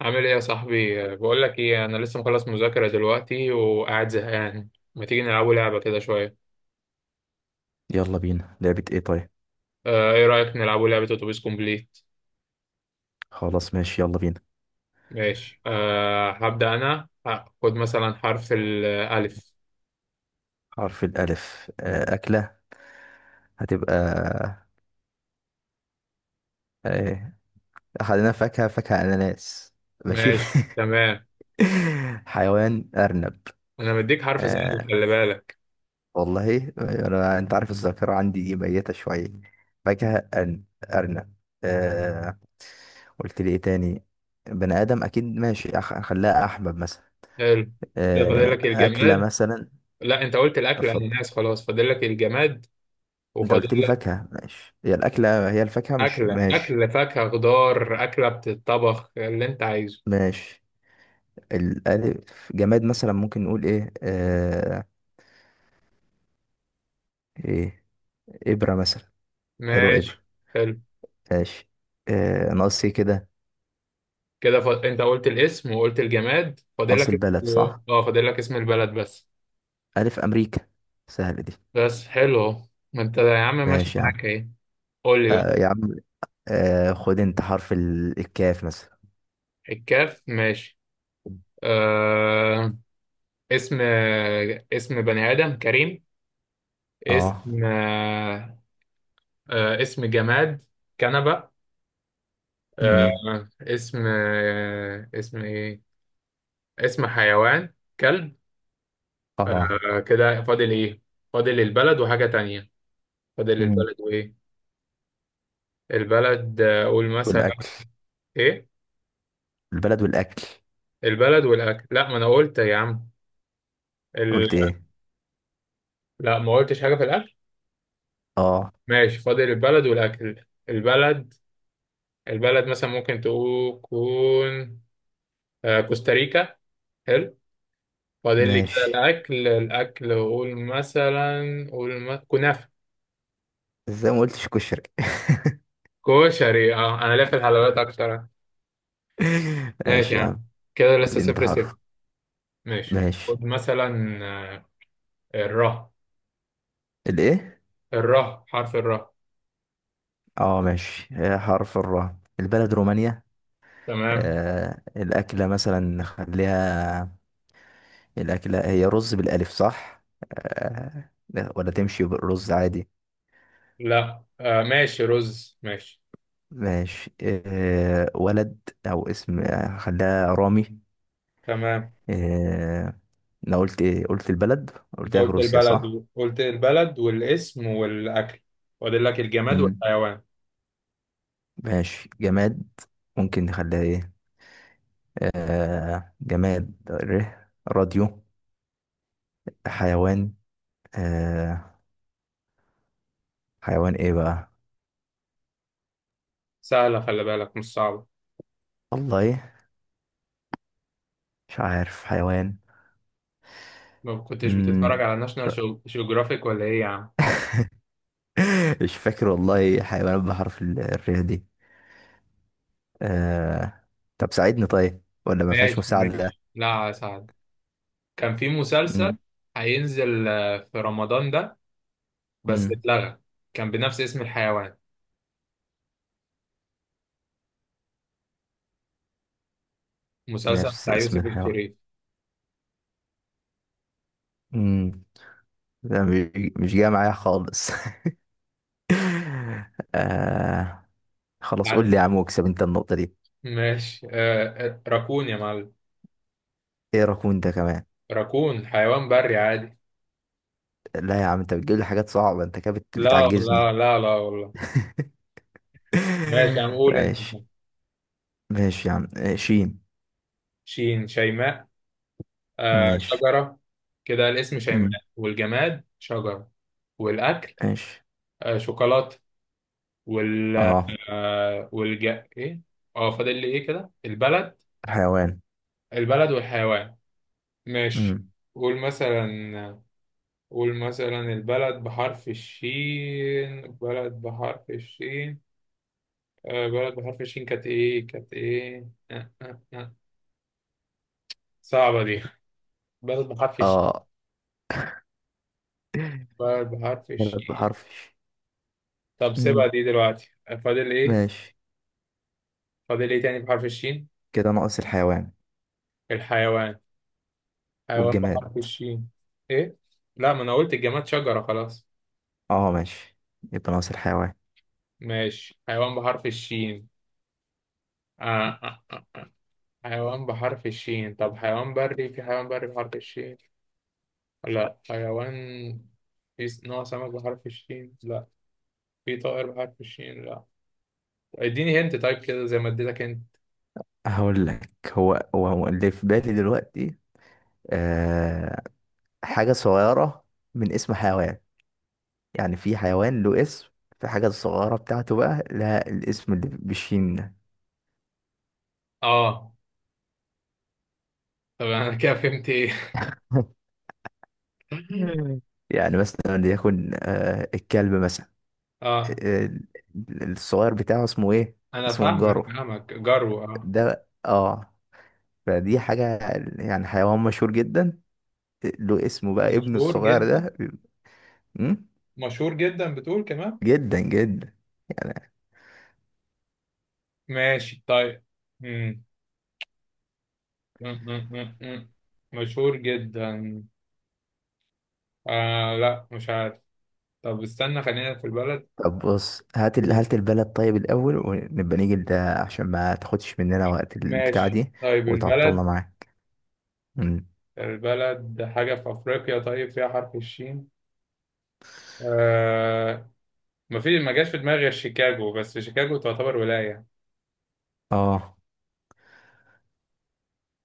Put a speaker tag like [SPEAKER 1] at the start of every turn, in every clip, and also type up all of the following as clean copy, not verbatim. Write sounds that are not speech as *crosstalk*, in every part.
[SPEAKER 1] عامل ايه يا صاحبي؟ بقول لك ايه، انا لسه مخلص مذاكره دلوقتي وقاعد زهقان. ما تيجي نلعبوا لعبه كده شويه؟
[SPEAKER 2] يلا بينا، لعبة ايه طيب؟
[SPEAKER 1] ايه رايك نلعبوا لعبه اتوبيس كومبليت؟
[SPEAKER 2] خلاص ماشي، يلا بينا.
[SPEAKER 1] ماشي، هبدا انا، خد مثلا حرف الالف.
[SPEAKER 2] حرف الألف، أكلة. هتبقى. آه، أخدنا فاكهة أناناس. ماشي.
[SPEAKER 1] ماشي
[SPEAKER 2] *laughs*
[SPEAKER 1] تمام.
[SPEAKER 2] حيوان أرنب.
[SPEAKER 1] انا مديك حرف سهل،
[SPEAKER 2] آه،
[SPEAKER 1] خلي بالك.
[SPEAKER 2] والله أنت عارف الذاكرة عندي دي ميتة شوية. فاكهة أرنب. آه، قلت لي إيه تاني؟ بني آدم أكيد. ماشي، أخليها أحمد مثلا.
[SPEAKER 1] حلو. كده فاضل
[SPEAKER 2] آه،
[SPEAKER 1] لك
[SPEAKER 2] أكلة
[SPEAKER 1] الجماد.
[SPEAKER 2] مثلا.
[SPEAKER 1] لا، انت قلت الاكل، انا
[SPEAKER 2] اتفضل.
[SPEAKER 1] ناس، خلاص فاضل لك الجماد.
[SPEAKER 2] أنت
[SPEAKER 1] وفاضل
[SPEAKER 2] قلت لي
[SPEAKER 1] لك
[SPEAKER 2] فاكهة ماشي، هي الأكلة هي الفاكهة، مش
[SPEAKER 1] اكله.
[SPEAKER 2] ماشي؟
[SPEAKER 1] اكله فاكهه، خضار، اكله بتتطبخ اللي انت عايزه.
[SPEAKER 2] ماشي. الألف جماد، مثلا ممكن نقول إيه؟ إيه، إبرة مثلا. حلوة
[SPEAKER 1] ماشي.
[SPEAKER 2] إبرة.
[SPEAKER 1] حلو.
[SPEAKER 2] ماشي، آه، ناقص إيه كده؟
[SPEAKER 1] كده انت قلت الاسم وقلت الجماد، فاضل
[SPEAKER 2] ناقص
[SPEAKER 1] لك
[SPEAKER 2] البلد،
[SPEAKER 1] و...
[SPEAKER 2] صح.
[SPEAKER 1] اه فاضل لك اسم البلد بس.
[SPEAKER 2] ألف أمريكا. سهلة دي.
[SPEAKER 1] بس حلو اهو. ما انت يا عم ماشي
[SPEAKER 2] ماشي يا عم.
[SPEAKER 1] معاك اهي. قول لي بقى.
[SPEAKER 2] آه يا عم. آه، خد أنت حرف الكاف مثلا.
[SPEAKER 1] الكاف ماشي. آه... اسم، اسم بني آدم: كريم.
[SPEAKER 2] اه.
[SPEAKER 1] اسم اسم جماد: كنبة. آه...
[SPEAKER 2] امم
[SPEAKER 1] اسم اسم ايه، اسم حيوان: كلب.
[SPEAKER 2] اه.
[SPEAKER 1] كده فاضل ايه؟ فاضل البلد وحاجة تانية. فاضل
[SPEAKER 2] امم
[SPEAKER 1] البلد وايه؟ البلد، قول مثلا.
[SPEAKER 2] والاكل.
[SPEAKER 1] ايه؟
[SPEAKER 2] البلد والاكل.
[SPEAKER 1] البلد والاكل. لا ما انا قلت يا عم. ال...
[SPEAKER 2] قلت ايه؟
[SPEAKER 1] لا ما قلتش حاجه في الاكل.
[SPEAKER 2] اه،
[SPEAKER 1] ماشي، فاضل البلد والاكل. البلد، البلد مثلا ممكن تكون كوستاريكا. حلو. فاضل لي كده
[SPEAKER 2] ماشي.
[SPEAKER 1] الاكل. الاكل قول مثلا، قول ما... كنافه.
[SPEAKER 2] ازاي ما قلتش كشري؟
[SPEAKER 1] كشري؟ اه انا ليا في الحلويات اكتر.
[SPEAKER 2] *laughs*
[SPEAKER 1] ماشي
[SPEAKER 2] ماشي
[SPEAKER 1] يا
[SPEAKER 2] يا عم.
[SPEAKER 1] عم. كده
[SPEAKER 2] قول
[SPEAKER 1] لسه
[SPEAKER 2] لي انت
[SPEAKER 1] صفر صفر.
[SPEAKER 2] حرف.
[SPEAKER 1] ماشي،
[SPEAKER 2] ماشي.
[SPEAKER 1] خد مثلا آه، الره.
[SPEAKER 2] الايه؟
[SPEAKER 1] الره، حرف الره.
[SPEAKER 2] اه، ماشي. حرف الراء، البلد رومانيا.
[SPEAKER 1] تمام.
[SPEAKER 2] آه، الأكلة مثلا خليها. الأكلة هي رز، بالألف صح؟ آه لا، ولا تمشي بالرز عادي.
[SPEAKER 1] لا ماشي، رز ماشي.
[SPEAKER 2] ماشي. آه، ولد. أو اسم. خليها رامي.
[SPEAKER 1] تمام.
[SPEAKER 2] آه. أنا قلت إيه؟ قلت البلد.
[SPEAKER 1] انت
[SPEAKER 2] قلت لك
[SPEAKER 1] قلت
[SPEAKER 2] روسيا، صح؟
[SPEAKER 1] البلد، قلت البلد والاسم والاكل. فاضل لك الجماد
[SPEAKER 2] مم.
[SPEAKER 1] والحيوان.
[SPEAKER 2] ماشي، جماد. ممكن نخليها إيه؟ آه، جماد، راديو. حيوان. آه. حيوان إيه بقى؟
[SPEAKER 1] سهله، خلي بالك، مش صعبه.
[SPEAKER 2] والله، مش عارف حيوان.
[SPEAKER 1] ما كنتش بتتفرج
[SPEAKER 2] مم.
[SPEAKER 1] على ناشونال جيوغرافيك ولا ايه يا عم؟
[SPEAKER 2] *laughs* مش فاكر والله، حيوانات بحرف الرياء دي. آه... طب ساعدني طيب، ولا ما فيهاش
[SPEAKER 1] ماشي
[SPEAKER 2] مساعدة؟
[SPEAKER 1] ماشي، لا سهل. كان في
[SPEAKER 2] مم.
[SPEAKER 1] مسلسل هينزل، في رمضان ده، بس
[SPEAKER 2] مم.
[SPEAKER 1] اتلغى. كان بنفس اسم الحيوان، مسلسل
[SPEAKER 2] نفس
[SPEAKER 1] بتاع
[SPEAKER 2] اسم
[SPEAKER 1] يوسف
[SPEAKER 2] الحيوان؟
[SPEAKER 1] الشريف.
[SPEAKER 2] مم. لا، مش جاي معايا خالص. *laughs* آه... خلاص،
[SPEAKER 1] عارف؟
[SPEAKER 2] قول لي يا عم، واكسب انت النقطة دي.
[SPEAKER 1] ماشي. راكون يا معلم.
[SPEAKER 2] ايه رقم انت كمان؟
[SPEAKER 1] راكون حيوان بري عادي.
[SPEAKER 2] لا يا عم، انت بتجيب لي حاجات صعبة، انت كده
[SPEAKER 1] لا
[SPEAKER 2] بتعجزني.
[SPEAKER 1] لا لا لا والله.
[SPEAKER 2] *laughs*
[SPEAKER 1] ماشي هنقول انت.
[SPEAKER 2] ماشي، ماشي يا عم. شين.
[SPEAKER 1] شين: شيماء.
[SPEAKER 2] ماشي.
[SPEAKER 1] شجرة. كده الاسم شيماء،
[SPEAKER 2] مم.
[SPEAKER 1] والجماد شجرة، والأكل
[SPEAKER 2] ماشي.
[SPEAKER 1] شوكولاتة. وال
[SPEAKER 2] اه.
[SPEAKER 1] آه والج إيه؟ أه، فاضل لي إيه كده؟ البلد.
[SPEAKER 2] حيوان.
[SPEAKER 1] البلد والحيوان. ماشي.
[SPEAKER 2] امم
[SPEAKER 1] قول مثلا. قول مثلا، البلد بحرف الشين، بلد بحرف الشين. بلد بحرف الشين كانت إيه؟ كانت إيه؟ صعبة دي. بلد بحرف الشين.
[SPEAKER 2] اه. *laughs*
[SPEAKER 1] بلد بحرف
[SPEAKER 2] ثلاث
[SPEAKER 1] الشين.
[SPEAKER 2] بحرف.
[SPEAKER 1] طب سيبها
[SPEAKER 2] امم
[SPEAKER 1] دي دلوقتي، فاضل إيه؟
[SPEAKER 2] ماشي.
[SPEAKER 1] فاضل إيه تاني بحرف الشين؟
[SPEAKER 2] كده ناقص الحيوان
[SPEAKER 1] الحيوان. حيوان
[SPEAKER 2] والجماد.
[SPEAKER 1] بحرف الشين. ايه؟ لا ما انا قلت الجماد شجرة خلاص.
[SPEAKER 2] اه، ماشي، يبقى ناقص الحيوان.
[SPEAKER 1] ماشي، حيوان بحرف الشين. آه آه آه. حيوان بحرف الشين. طب حيوان بري، في حيوان بري بحرف الشين؟ لا. حيوان، في نوع سمك بحرف الشين؟ لا. في طائر بحرف الشين؟ لا. اديني هنت طيب، كده زي ما اديتك هنت.
[SPEAKER 2] هقول لك هو اللي في بالي دلوقتي. آه، حاجة صغيرة، من اسم حيوان. يعني في حيوان له اسم، في حاجة صغيرة بتاعته بقى لها الاسم اللي بالشين ده.
[SPEAKER 1] اه. طب انا *laughs* كده فهمت ايه؟
[SPEAKER 2] *laughs*
[SPEAKER 1] *laughs*
[SPEAKER 2] مم. يعني مثلا ليكن الكلب مثلا.
[SPEAKER 1] اه.
[SPEAKER 2] آه. الصغير بتاعه اسمه ايه؟
[SPEAKER 1] انا
[SPEAKER 2] اسمه
[SPEAKER 1] فاهمك
[SPEAKER 2] الجارو
[SPEAKER 1] فاهمك، جرو. اه،
[SPEAKER 2] ده، اه. فدي حاجة، يعني حيوان مشهور جدا، له اسمه بقى، ابنه
[SPEAKER 1] مشهور
[SPEAKER 2] الصغير
[SPEAKER 1] جدا؟
[SPEAKER 2] ده. مم؟
[SPEAKER 1] مشهور جدا بتقول كمان؟
[SPEAKER 2] جدا جدا، يعني.
[SPEAKER 1] ماشي طيب. مم. مم. مم. مم. مم. مشهور جدا. لا مش عارف. طب استنى خلينا في البلد.
[SPEAKER 2] طب بص، هات البلد طيب الأول، ونبقى نيجي لده عشان ما تاخدش مننا وقت البتاع
[SPEAKER 1] ماشي
[SPEAKER 2] دي
[SPEAKER 1] طيب.
[SPEAKER 2] وتعطلنا
[SPEAKER 1] البلد،
[SPEAKER 2] معاك. مم.
[SPEAKER 1] البلد حاجة في أفريقيا طيب فيها حرف الشين. آه. ما في ما جاش في دماغي غير شيكاغو، بس شيكاغو تعتبر ولاية.
[SPEAKER 2] اه،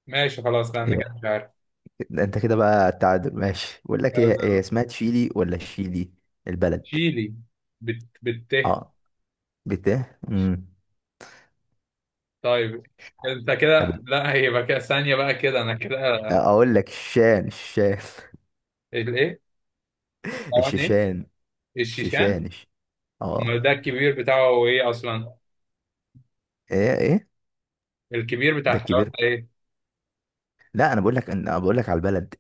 [SPEAKER 1] ماشي خلاص، لا أنا
[SPEAKER 2] هي.
[SPEAKER 1] كده مش عارف.
[SPEAKER 2] ده انت كده بقى التعادل ماشي. بقول لك ايه، هي
[SPEAKER 1] لازم.
[SPEAKER 2] اسمها تشيلي ولا شيلي؟ البلد.
[SPEAKER 1] تشيلي. بت بت.
[SPEAKER 2] اه، بت امم
[SPEAKER 1] طيب. أنت
[SPEAKER 2] طب،
[SPEAKER 1] كده، لا هيبقى كده، ثانية بقى، كده أنا كده.
[SPEAKER 2] اقول لك الشان.
[SPEAKER 1] الإيه؟
[SPEAKER 2] *laughs*
[SPEAKER 1] حيوان إيه؟
[SPEAKER 2] الشيشان.
[SPEAKER 1] الشيشان.
[SPEAKER 2] شيشانش.
[SPEAKER 1] امال
[SPEAKER 2] اه.
[SPEAKER 1] ده الكبير بتاعه هو ايه اصلا؟
[SPEAKER 2] ايه، ايه؟
[SPEAKER 1] الكبير بتاع
[SPEAKER 2] ده
[SPEAKER 1] الحيوان ده
[SPEAKER 2] الكبير.
[SPEAKER 1] ايه؟
[SPEAKER 2] لا، انا بقول لك على البلد.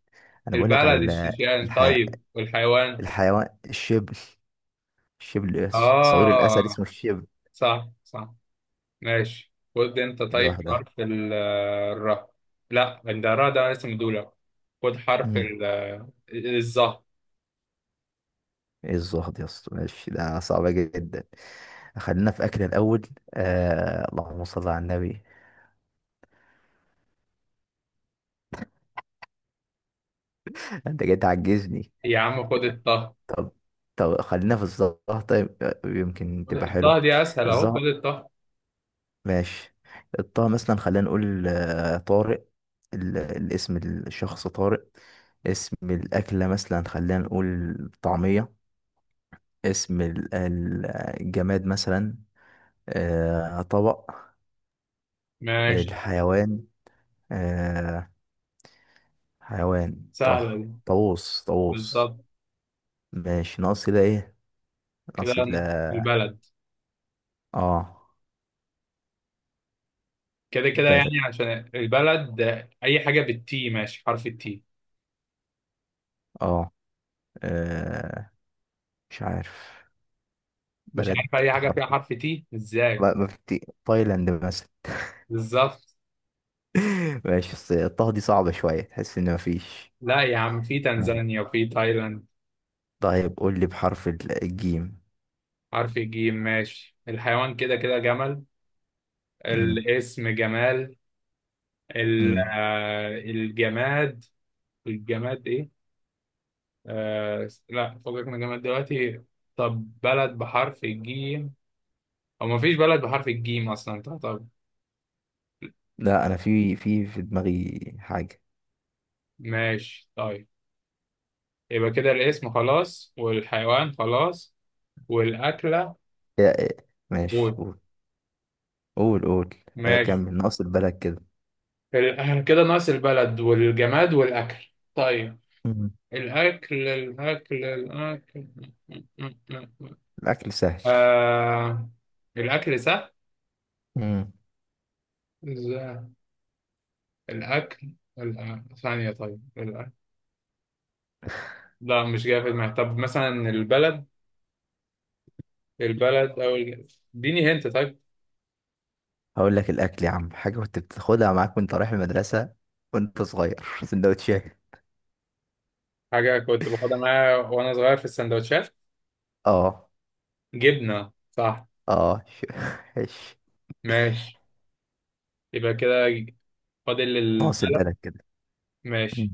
[SPEAKER 2] انا بقول لك
[SPEAKER 1] البلد
[SPEAKER 2] على.
[SPEAKER 1] الشيشان
[SPEAKER 2] الحي...
[SPEAKER 1] طيب، والحيوان.
[SPEAKER 2] الحيوان الشبل. الشبل. صغير الاسد
[SPEAKER 1] اه
[SPEAKER 2] اسمه الشبل.
[SPEAKER 1] صح صح. ماشي، خد انت
[SPEAKER 2] كده
[SPEAKER 1] طيب
[SPEAKER 2] واحده.
[SPEAKER 1] حرف الراء. لا ده الراء ده اسم دولة. خد حرف
[SPEAKER 2] امم
[SPEAKER 1] الظهر.
[SPEAKER 2] ايه الزهد يا اسطى؟ ماشي، ده صعبه جدا. خلينا في اكل الاول. اللهم صل على النبي. *laughs* انت جاي تعجزني.
[SPEAKER 1] يا عم خد الطه.
[SPEAKER 2] طب طب، خلينا في الزهر طيب، يمكن تبقى
[SPEAKER 1] الطه
[SPEAKER 2] حلوه.
[SPEAKER 1] دي اسهل اهو، خد الطه.
[SPEAKER 2] ماشي. الطه مثلا، خلينا نقول طارق. الاسم الشخص طارق. اسم الأكلة مثلا خلينا نقول. طعمية. اسم الجماد مثلا. طبق.
[SPEAKER 1] ماشي.
[SPEAKER 2] الحيوان. آه، حيوان
[SPEAKER 1] سهلة
[SPEAKER 2] طه،
[SPEAKER 1] دي.
[SPEAKER 2] طاووس طاووس.
[SPEAKER 1] بالظبط.
[SPEAKER 2] ماشي، ناقص كده ايه؟
[SPEAKER 1] كده
[SPEAKER 2] ناقص
[SPEAKER 1] البلد.
[SPEAKER 2] اه،
[SPEAKER 1] كده كده
[SPEAKER 2] بلد.
[SPEAKER 1] يعني عشان البلد. اي حاجة بالتي، ماشي حرف التي.
[SPEAKER 2] اه. آه، مش عارف
[SPEAKER 1] مش
[SPEAKER 2] بلد
[SPEAKER 1] عارف اي حاجه فيها
[SPEAKER 2] بحرف.
[SPEAKER 1] حرف تي ازاي.
[SPEAKER 2] ما في تايلاند مثلا.
[SPEAKER 1] بالظبط.
[SPEAKER 2] *laughs* ماشي، بس الطه دي صعبة شوية، تحس ان مفيش.
[SPEAKER 1] لا يا عم، في
[SPEAKER 2] ماشي.
[SPEAKER 1] تنزانيا وفي تايلاند.
[SPEAKER 2] طيب قول لي بحرف الجيم.
[SPEAKER 1] حرف الجيم ماشي. الحيوان كده كده جمل.
[SPEAKER 2] مم.
[SPEAKER 1] الاسم جمال.
[SPEAKER 2] مم.
[SPEAKER 1] الجماد. الجماد ايه؟ لا فوقك من الجماد دلوقتي. طب بلد بحرف الجيم. او مفيش بلد بحرف الجيم اصلا. طب طب
[SPEAKER 2] لا، انا في دماغي حاجة.
[SPEAKER 1] ماشي طيب. يبقى كده الاسم خلاص، والحيوان خلاص، والاكله.
[SPEAKER 2] إيه. ماشي،
[SPEAKER 1] قول.
[SPEAKER 2] قول. قول، قول.
[SPEAKER 1] ماشي.
[SPEAKER 2] كمل ناقص البلد كده.
[SPEAKER 1] احنا كده ناقص البلد والجماد والأكل. طيب.
[SPEAKER 2] مم.
[SPEAKER 1] الأكل، الأكل، الأكل.
[SPEAKER 2] الاكل سهل.
[SPEAKER 1] آه الأكل سهل.
[SPEAKER 2] مم.
[SPEAKER 1] إزاي؟ الأكل. ثانية طيب، الأكل. لا مش جاي في دماغي، طب مثلا البلد. البلد أو اديني هنت طيب.
[SPEAKER 2] هقول لك الاكل يا عم، حاجة كنت بتاخدها معاك وانت رايح المدرسة وانت صغير. *laughs* سندوتشات.
[SPEAKER 1] حاجة كنت باخدها معايا وأنا صغير في السندوتشات:
[SPEAKER 2] اه،
[SPEAKER 1] جبنة صح.
[SPEAKER 2] اه *laughs* ش-
[SPEAKER 1] ماشي. يبقى كده فاضل
[SPEAKER 2] ناقص
[SPEAKER 1] البلد.
[SPEAKER 2] البلد كده. مم.
[SPEAKER 1] ماشي.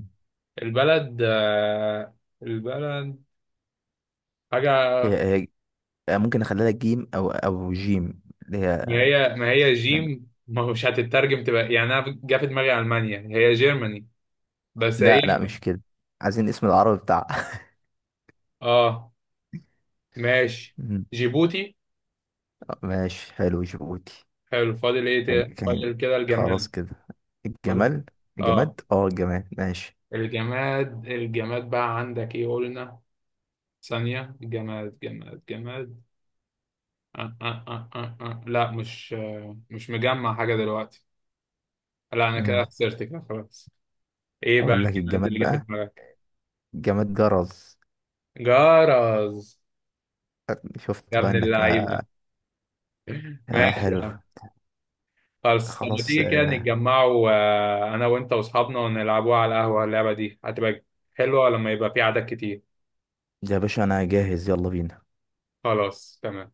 [SPEAKER 1] البلد، البلد. حاجة.
[SPEAKER 2] هي، هي ممكن اخليها لك جيم او جيم، اللي هي.
[SPEAKER 1] ما هي ما هي جيم ما هو، مش هتترجم تبقى، يعني انا جه في دماغي المانيا هي جيرماني. بس
[SPEAKER 2] لا، لا،
[SPEAKER 1] ايه.
[SPEAKER 2] مش كده. عايزين اسم العربي بتاعها.
[SPEAKER 1] اه. ماشي.
[SPEAKER 2] *laughs* مم.
[SPEAKER 1] جيبوتي.
[SPEAKER 2] ماشي، حلو، جيبوتي.
[SPEAKER 1] حلو. فاضل ايه
[SPEAKER 2] كان كان
[SPEAKER 1] فاضل كده
[SPEAKER 2] خلاص
[SPEAKER 1] الجماد.
[SPEAKER 2] كده.
[SPEAKER 1] فاضل.
[SPEAKER 2] الجمال،
[SPEAKER 1] اه،
[SPEAKER 2] الجماد، اه، الجماد ماشي.
[SPEAKER 1] الجماد بقى عندك ايه قلنا؟ ثانية، جماد جماد جماد. لا مش، مش مجمع حاجة دلوقتي. لا انا كده
[SPEAKER 2] مم.
[SPEAKER 1] خسرت كده خلاص. ايه بقى
[SPEAKER 2] اقول لك
[SPEAKER 1] الجماد
[SPEAKER 2] الجماد
[SPEAKER 1] اللي جه في
[SPEAKER 2] بقى،
[SPEAKER 1] دماغك؟
[SPEAKER 2] الجماد جرز.
[SPEAKER 1] جرز. يا
[SPEAKER 2] شفت بقى
[SPEAKER 1] ابن
[SPEAKER 2] انك.
[SPEAKER 1] اللعيبة.
[SPEAKER 2] آه،
[SPEAKER 1] ماشي يا
[SPEAKER 2] حلو.
[SPEAKER 1] عم. خلاص، طب ما
[SPEAKER 2] خلاص.
[SPEAKER 1] تيجي كده نتجمعوا، انا وانت واصحابنا ونلعبوها على القهوة؟ اللعبة دي هتبقى حلوة لما يبقى في عدد كتير.
[SPEAKER 2] يا باشا، انا جاهز، يلا بينا.
[SPEAKER 1] خلاص تمام.